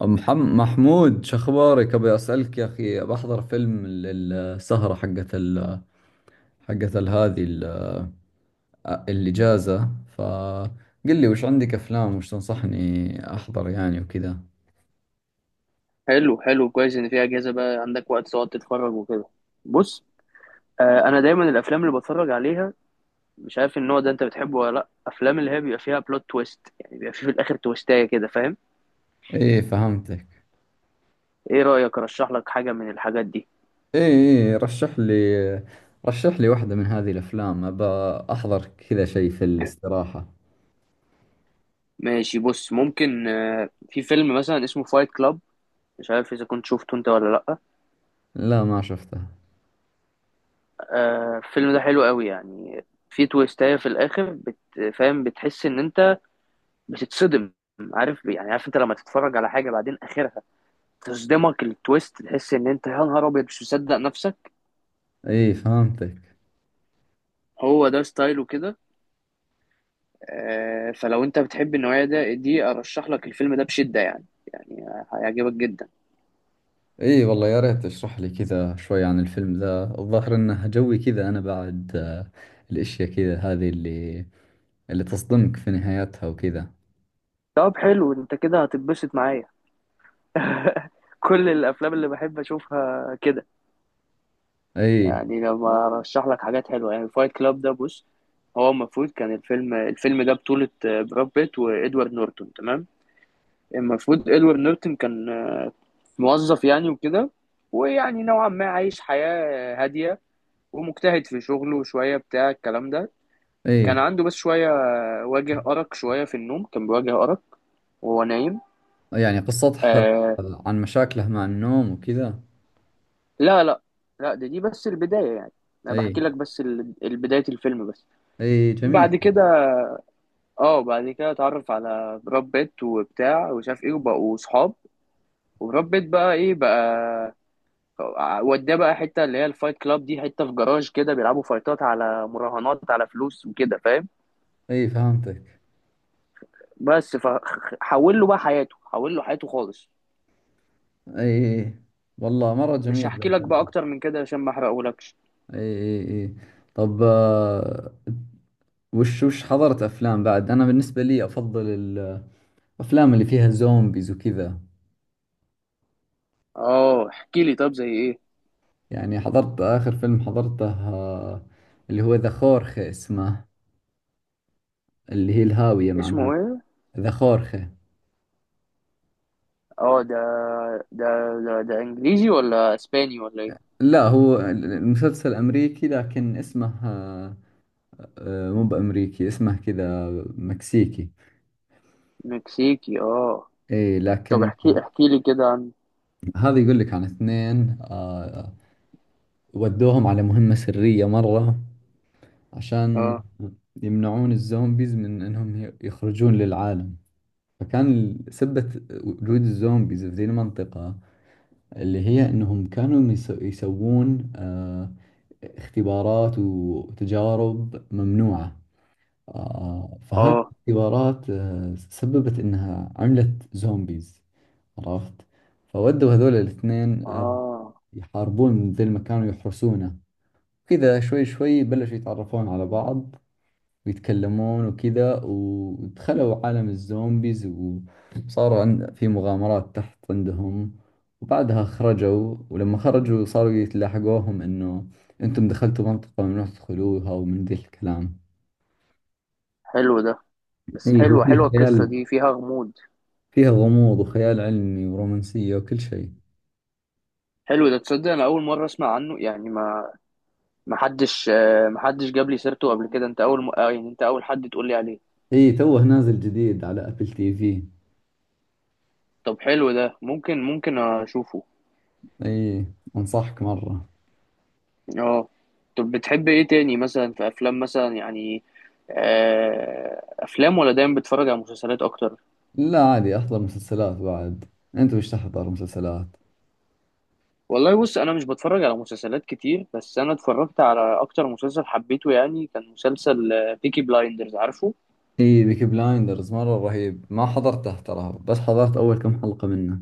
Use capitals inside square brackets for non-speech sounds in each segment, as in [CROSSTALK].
محمود، شو اخبارك؟ ابي اسالك يا اخي. بحضر فيلم السهره حقت ال... حقت ال- هذه ال... الاجازه. فقل لي وش عندك افلام، وش تنصحني احضر يعني وكذا. حلو حلو، كويس ان في اجازه بقى عندك وقت تقعد تتفرج وكده. بص، انا دايما الافلام اللي بتفرج عليها، مش عارف النوع ده انت بتحبه ولا لا، افلام اللي هي بيبقى فيها بلوت تويست، يعني بيبقى في الاخر تويستايه كده، فاهم؟ ايه، فهمتك. ايه رايك ارشح لك حاجه من الحاجات دي؟ ايه ايه، رشح لي رشح لي واحده من هذه الافلام، ابى احضر كذا شيء في الاستراحه. ماشي، بص، ممكن في فيلم مثلا اسمه فايت كلاب، مش عارف اذا كنت شفته انت ولا لا. لا، ما شفتها. آه، الفيلم ده حلو قوي، يعني في تويستايه في الاخر، فاهم؟ بتحس ان انت بتتصدم، عارف؟ يعني عارف انت لما تتفرج على حاجه بعدين اخرها تصدمك التويست، تحس ان انت يا نهار ابيض مش مصدق نفسك. ايه، فهمتك. هو ده ستايله كده. فلو انت بتحب النوعيه دي ارشح لك الفيلم ده بشده، يعني يعني هيعجبك جدا. اي والله، يا ريت تشرح لي كذا شوي عن الفيلم ذا. الظاهر انه جوي كذا. انا بعد الاشياء كذا، هذه اللي تصدمك في نهايتها وكذا. طب حلو، انت كده هتتبسط معايا. [LAUGHS] كل الافلام اللي بحب اشوفها كده، اي يعني لما ارشح لك حاجات حلوه. يعني الفايت كلاب ده، بص، هو المفروض كان الفيلم ده بطولة براد بيت وإدوارد نورتون، تمام؟ المفروض إدوارد نورتون كان موظف يعني وكده، ويعني نوعا ما عايش حياة هادية، ومجتهد في شغله شوية، بتاع الكلام ده. كان اي. عنده بس شوية واجه أرق، شوية في النوم كان بيواجه أرق وهو نايم. يعني قصتها آه. عن مشاكله مع النوم وكذا. لا لا لا، ده بس البداية يعني، أنا اي بحكي لك بس البداية الفيلم بس. اي، جميل. بعد كده، اتعرف على براد بيت وبتاع وشاف ايه وبقوا صحاب. وبراد بيت بقى ايه بقى، وداه بقى حته اللي هي الفايت كلاب دي، حته في جراج كده بيلعبوا فايتات على مراهنات على فلوس وكده، فاهم؟ اي فهمتك. بس فحول له بقى حياته، حول له حياته خالص. اي والله، مرة مش جميل ذا هحكي لك بقى الفيلم. اكتر من كده عشان ما احرقهولكش. اي اي اي. طب، وش حضرت افلام بعد؟ انا بالنسبة لي افضل الافلام اللي فيها زومبيز وكذا. اه احكي لي، طب زي ايه؟ يعني حضرت آخر فيلم حضرته، اللي هو ذا خورخي اسمه، اللي هي الهاوية معناها. اسمه ايه؟ ذا خورخي. اه ده ده انجليزي ولا اسباني ولا ايه؟ لا، هو المسلسل أمريكي، لكن اسمه مو بأمريكي، اسمه كذا مكسيكي. مكسيكي، اه. إيه طب لكن، احكي، احكي لي كده عن. هذا يقول لك عن اثنين ودوهم على مهمة سرية مرة عشان اه يمنعون الزومبيز من انهم يخرجون للعالم. فكان سبة وجود الزومبيز في ذي المنطقة، اللي هي انهم كانوا يسوون اختبارات وتجارب ممنوعة. فهذه اه الاختبارات سببت انها عملت زومبيز، عرفت. فودوا هذول الاثنين اه، يحاربون ذي المكان ويحرسونه. كذا شوي شوي بلشوا يتعرفون على بعض ويتكلمون وكذا، ودخلوا عالم الزومبيز وصاروا عند في مغامرات تحت عندهم. وبعدها خرجوا، ولما خرجوا صاروا يتلاحقوهم انه انتم دخلتوا منطقة ممنوع تدخلوها ومن ذي الكلام. حلو ده، بس اي، هو حلوه حلوه فيه القصه خيال، دي فيها غموض. فيها غموض وخيال علمي ورومانسية وكل شيء. حلو ده، تصدق انا اول مره اسمع عنه، يعني ما محدش جاب لي سيرته قبل كده. انت اول م... آه، يعني انت اول حد تقول لي عليه. اي، توه نازل جديد على ابل تي في. طب حلو ده، ممكن اشوفه. اي، انصحك مرة. اه. طب بتحب ايه تاني مثلا؟ في افلام مثلا يعني، افلام ولا دايما بتتفرج على مسلسلات اكتر؟ لا عادي، احضر مسلسلات بعد. انت وش تحضر مسلسلات؟ والله بص، انا مش بتفرج على مسلسلات كتير، بس انا اتفرجت على اكتر مسلسل حبيته، يعني كان مسلسل بيكي بلايندرز، عارفه؟ اي، بيكي بلايندرز مرة رهيب، ما حضرته ترى، بس حضرت اول كم حلقة منه.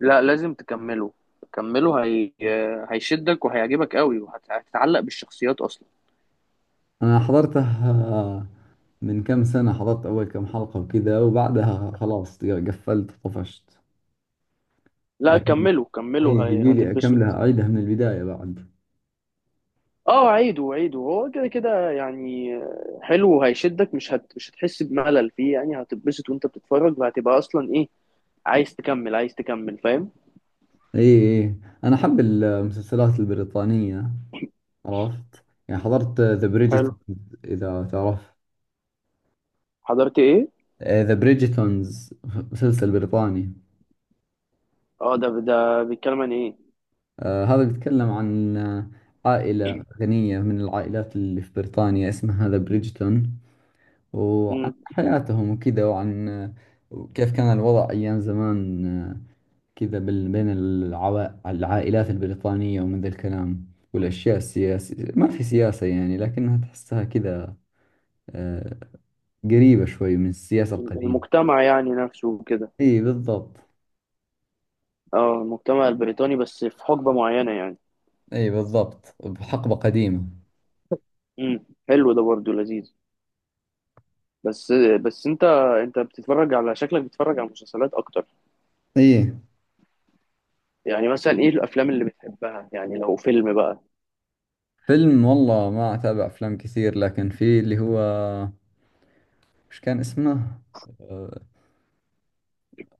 لا لازم تكمله، كمله، هي... آه، هيشدك وهيعجبك قوي وهتتعلق بالشخصيات اصلا. انا حضرته آه، من كم سنة، حضرت اول كم حلقة وكذا، وبعدها خلاص قفلت طفشت. لا لكن، كملوا اي كملوا، يبيلي اكملها، هتتبسط. اعيدها من البداية بعد. اه عيدوا عيدوا، هو كده كده يعني. حلو وهيشدك، مش هتحس بملل فيه، يعني هتتبسط وانت بتتفرج، وهتبقى اصلا ايه، عايز تكمل عايز تكمل، فاهم؟ اي اي. انا احب المسلسلات البريطانية، عرفت؟ يعني حضرت ذا حلو. بريجيتونز، اذا تعرف. حضرت ايه؟ ذا بريجيتونز، مسلسل بريطاني. اه ده، بيتكلم عن ايه؟ هذا بيتكلم عن عائلة غنية من العائلات اللي في بريطانيا، اسمها ذا بريدجتون، وعن مم. حياتهم وكذا، وعن كيف كان الوضع أيام زمان، كذا بين العائلات البريطانية ومن ذا الكلام. والأشياء السياسية، ما في سياسة يعني، لكنها تحسها كذا آه، قريبة شوي من السياسة القديمة. المجتمع يعني نفسه وكده. إي بالضبط. اه، المجتمع البريطاني بس في حقبة معينة يعني. إي بالضبط، بحقبة قديمة. مم. حلو ده برضو لذيذ. بس انت، بتتفرج على شكلك بتتفرج على مسلسلات اكتر. إي. يعني مثلا ايه الافلام اللي بتحبها يعني لو فيلم بقى؟ فيلم والله ما أتابع أفلام كثير، لكن في اللي هو، مش كان اسمه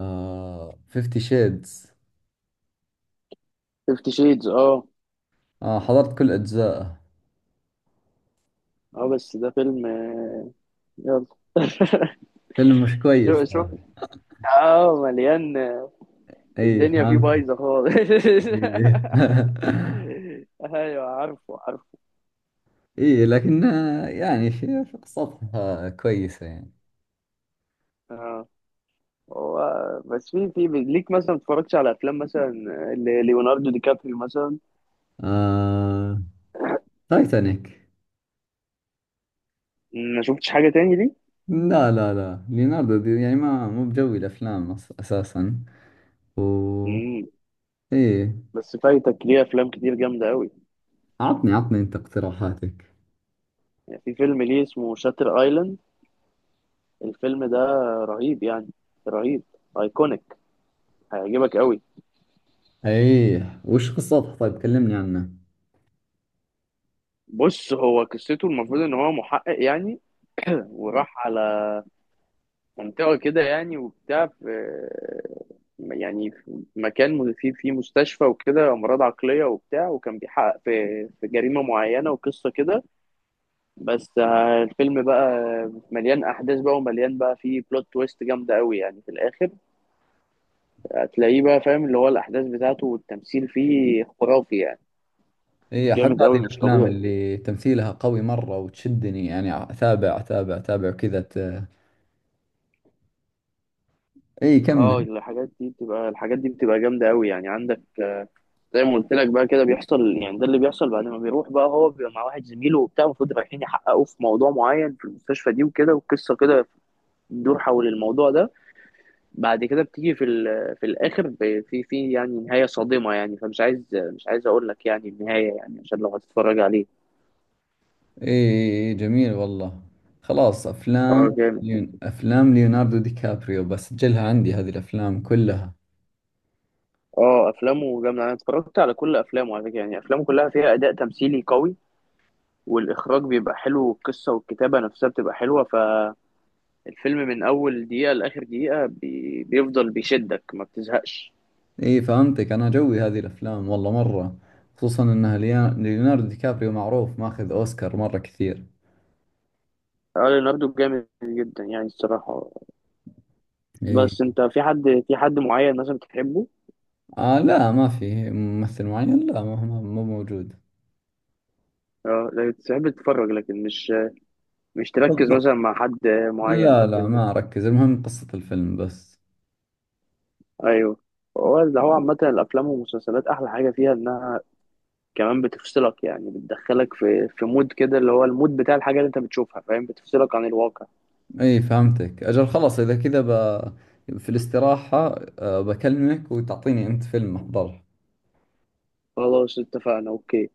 فيفتي شيدز. فيفتي شيدز، اه. حضرت كل أجزائه. اه بس ده فيلم، يلا. [LAUGHS] فيلم مش كويس شوف شوف، ده. اه مليان إي الدنيا فيه فهمتك. بايظه خالص. [LAUGHS] إي [LAUGHS] ايوه، عارفه عارفه. إي لكن، يعني في قصتها كويسة يعني. اه هو بس في ليك مثلا، ما اتفرجتش على افلام مثلا، ليوناردو دي كابريو مثلا، آه تايتانيك. ما شفتش حاجه تاني ليه. لا لا لا، ليوناردو دي يعني، ما مو بجوي الأفلام أساسا. و. مم. إي. بس فايتك ليه افلام كتير جامده قوي، عطني عطني أنت اقتراحاتك. يعني في فيلم ليه اسمه شاتر ايلاند. الفيلم ده رهيب يعني، رهيب، ايكونيك، هيعجبك قوي. ايه، وش قصتها؟ طيب كلمني عنها. بص، هو قصته المفروض ان هو محقق يعني، وراح على منطقة كده يعني وبتاع، في يعني في مكان فيه في مستشفى وكده، امراض عقلية وبتاع، وكان بيحقق في جريمة معينة، وقصة كده. بس، الفيلم بقى مليان احداث بقى، ومليان بقى فيه بلوت تويست جامدة قوي، يعني في الاخر هتلاقيه بقى، فاهم؟ اللي هو الاحداث بتاعته والتمثيل فيه خرافي يعني، ايه، احب جامد قوي هذه مش الافلام طبيعي. اللي تمثيلها قوي مرة وتشدني، يعني اتابع اتابع اتابع كذا ايه، اه كمل. الحاجات دي بتبقى جامده قوي يعني. عندك زي ما قلت لك بقى، كده بيحصل يعني، ده اللي بيحصل بعد ما بيروح بقى، هو بيبقى مع واحد زميله وبتاع، المفروض رايحين يحققوا في موضوع معين في المستشفى دي وكده، والقصه كده بتدور حول الموضوع ده. بعد كده بتيجي في الاخر، ب- في في يعني نهايه صادمه يعني. فمش عايز، مش عايز اقول لك يعني النهايه، يعني عشان لو هتتفرج عليه. ايه جميل والله. خلاص، اه افلام جامد. افلام ليوناردو دي كابريو بسجلها عندي، هذه الافلام كلها. اه افلامه جامده، انا اتفرجت على كل افلامه على فكره، يعني افلامه كلها فيها اداء تمثيلي قوي، والاخراج بيبقى حلو، والقصه والكتابه نفسها بتبقى حلوه. الفيلم من اول دقيقه لاخر دقيقه بيفضل بيشدك، ما بتزهقش. ايه فهمتك، انا جوي هذه الافلام والله مرة، خصوصا انها ليوناردو دي كابريو معروف ماخذ اوسكار مرة كثير. اه ليوناردو جامد جدا يعني الصراحه. ايه. بس انت في حد، معين مثلا بتحبه؟ لا، ما في ممثل معين، لا ما هو مو موجود. اه لا، تحب تتفرج لكن مش، تركز بالض- مثلا مع حد معين او لا لا، كده. ما أركز، المهم قصة الفيلم بس. ايوه. هو اللي هو عامه الافلام والمسلسلات، احلى حاجه فيها انها كمان بتفصلك، يعني بتدخلك في مود كده، اللي هو المود بتاع الحاجه اللي انت بتشوفها، فاهم؟ بتفصلك عن الواقع. أي فهمتك أجل. خلاص، إذا كذا في الاستراحة بكلمك، وتعطيني أنت فيلم أحضره. خلاص اتفقنا، اوكي.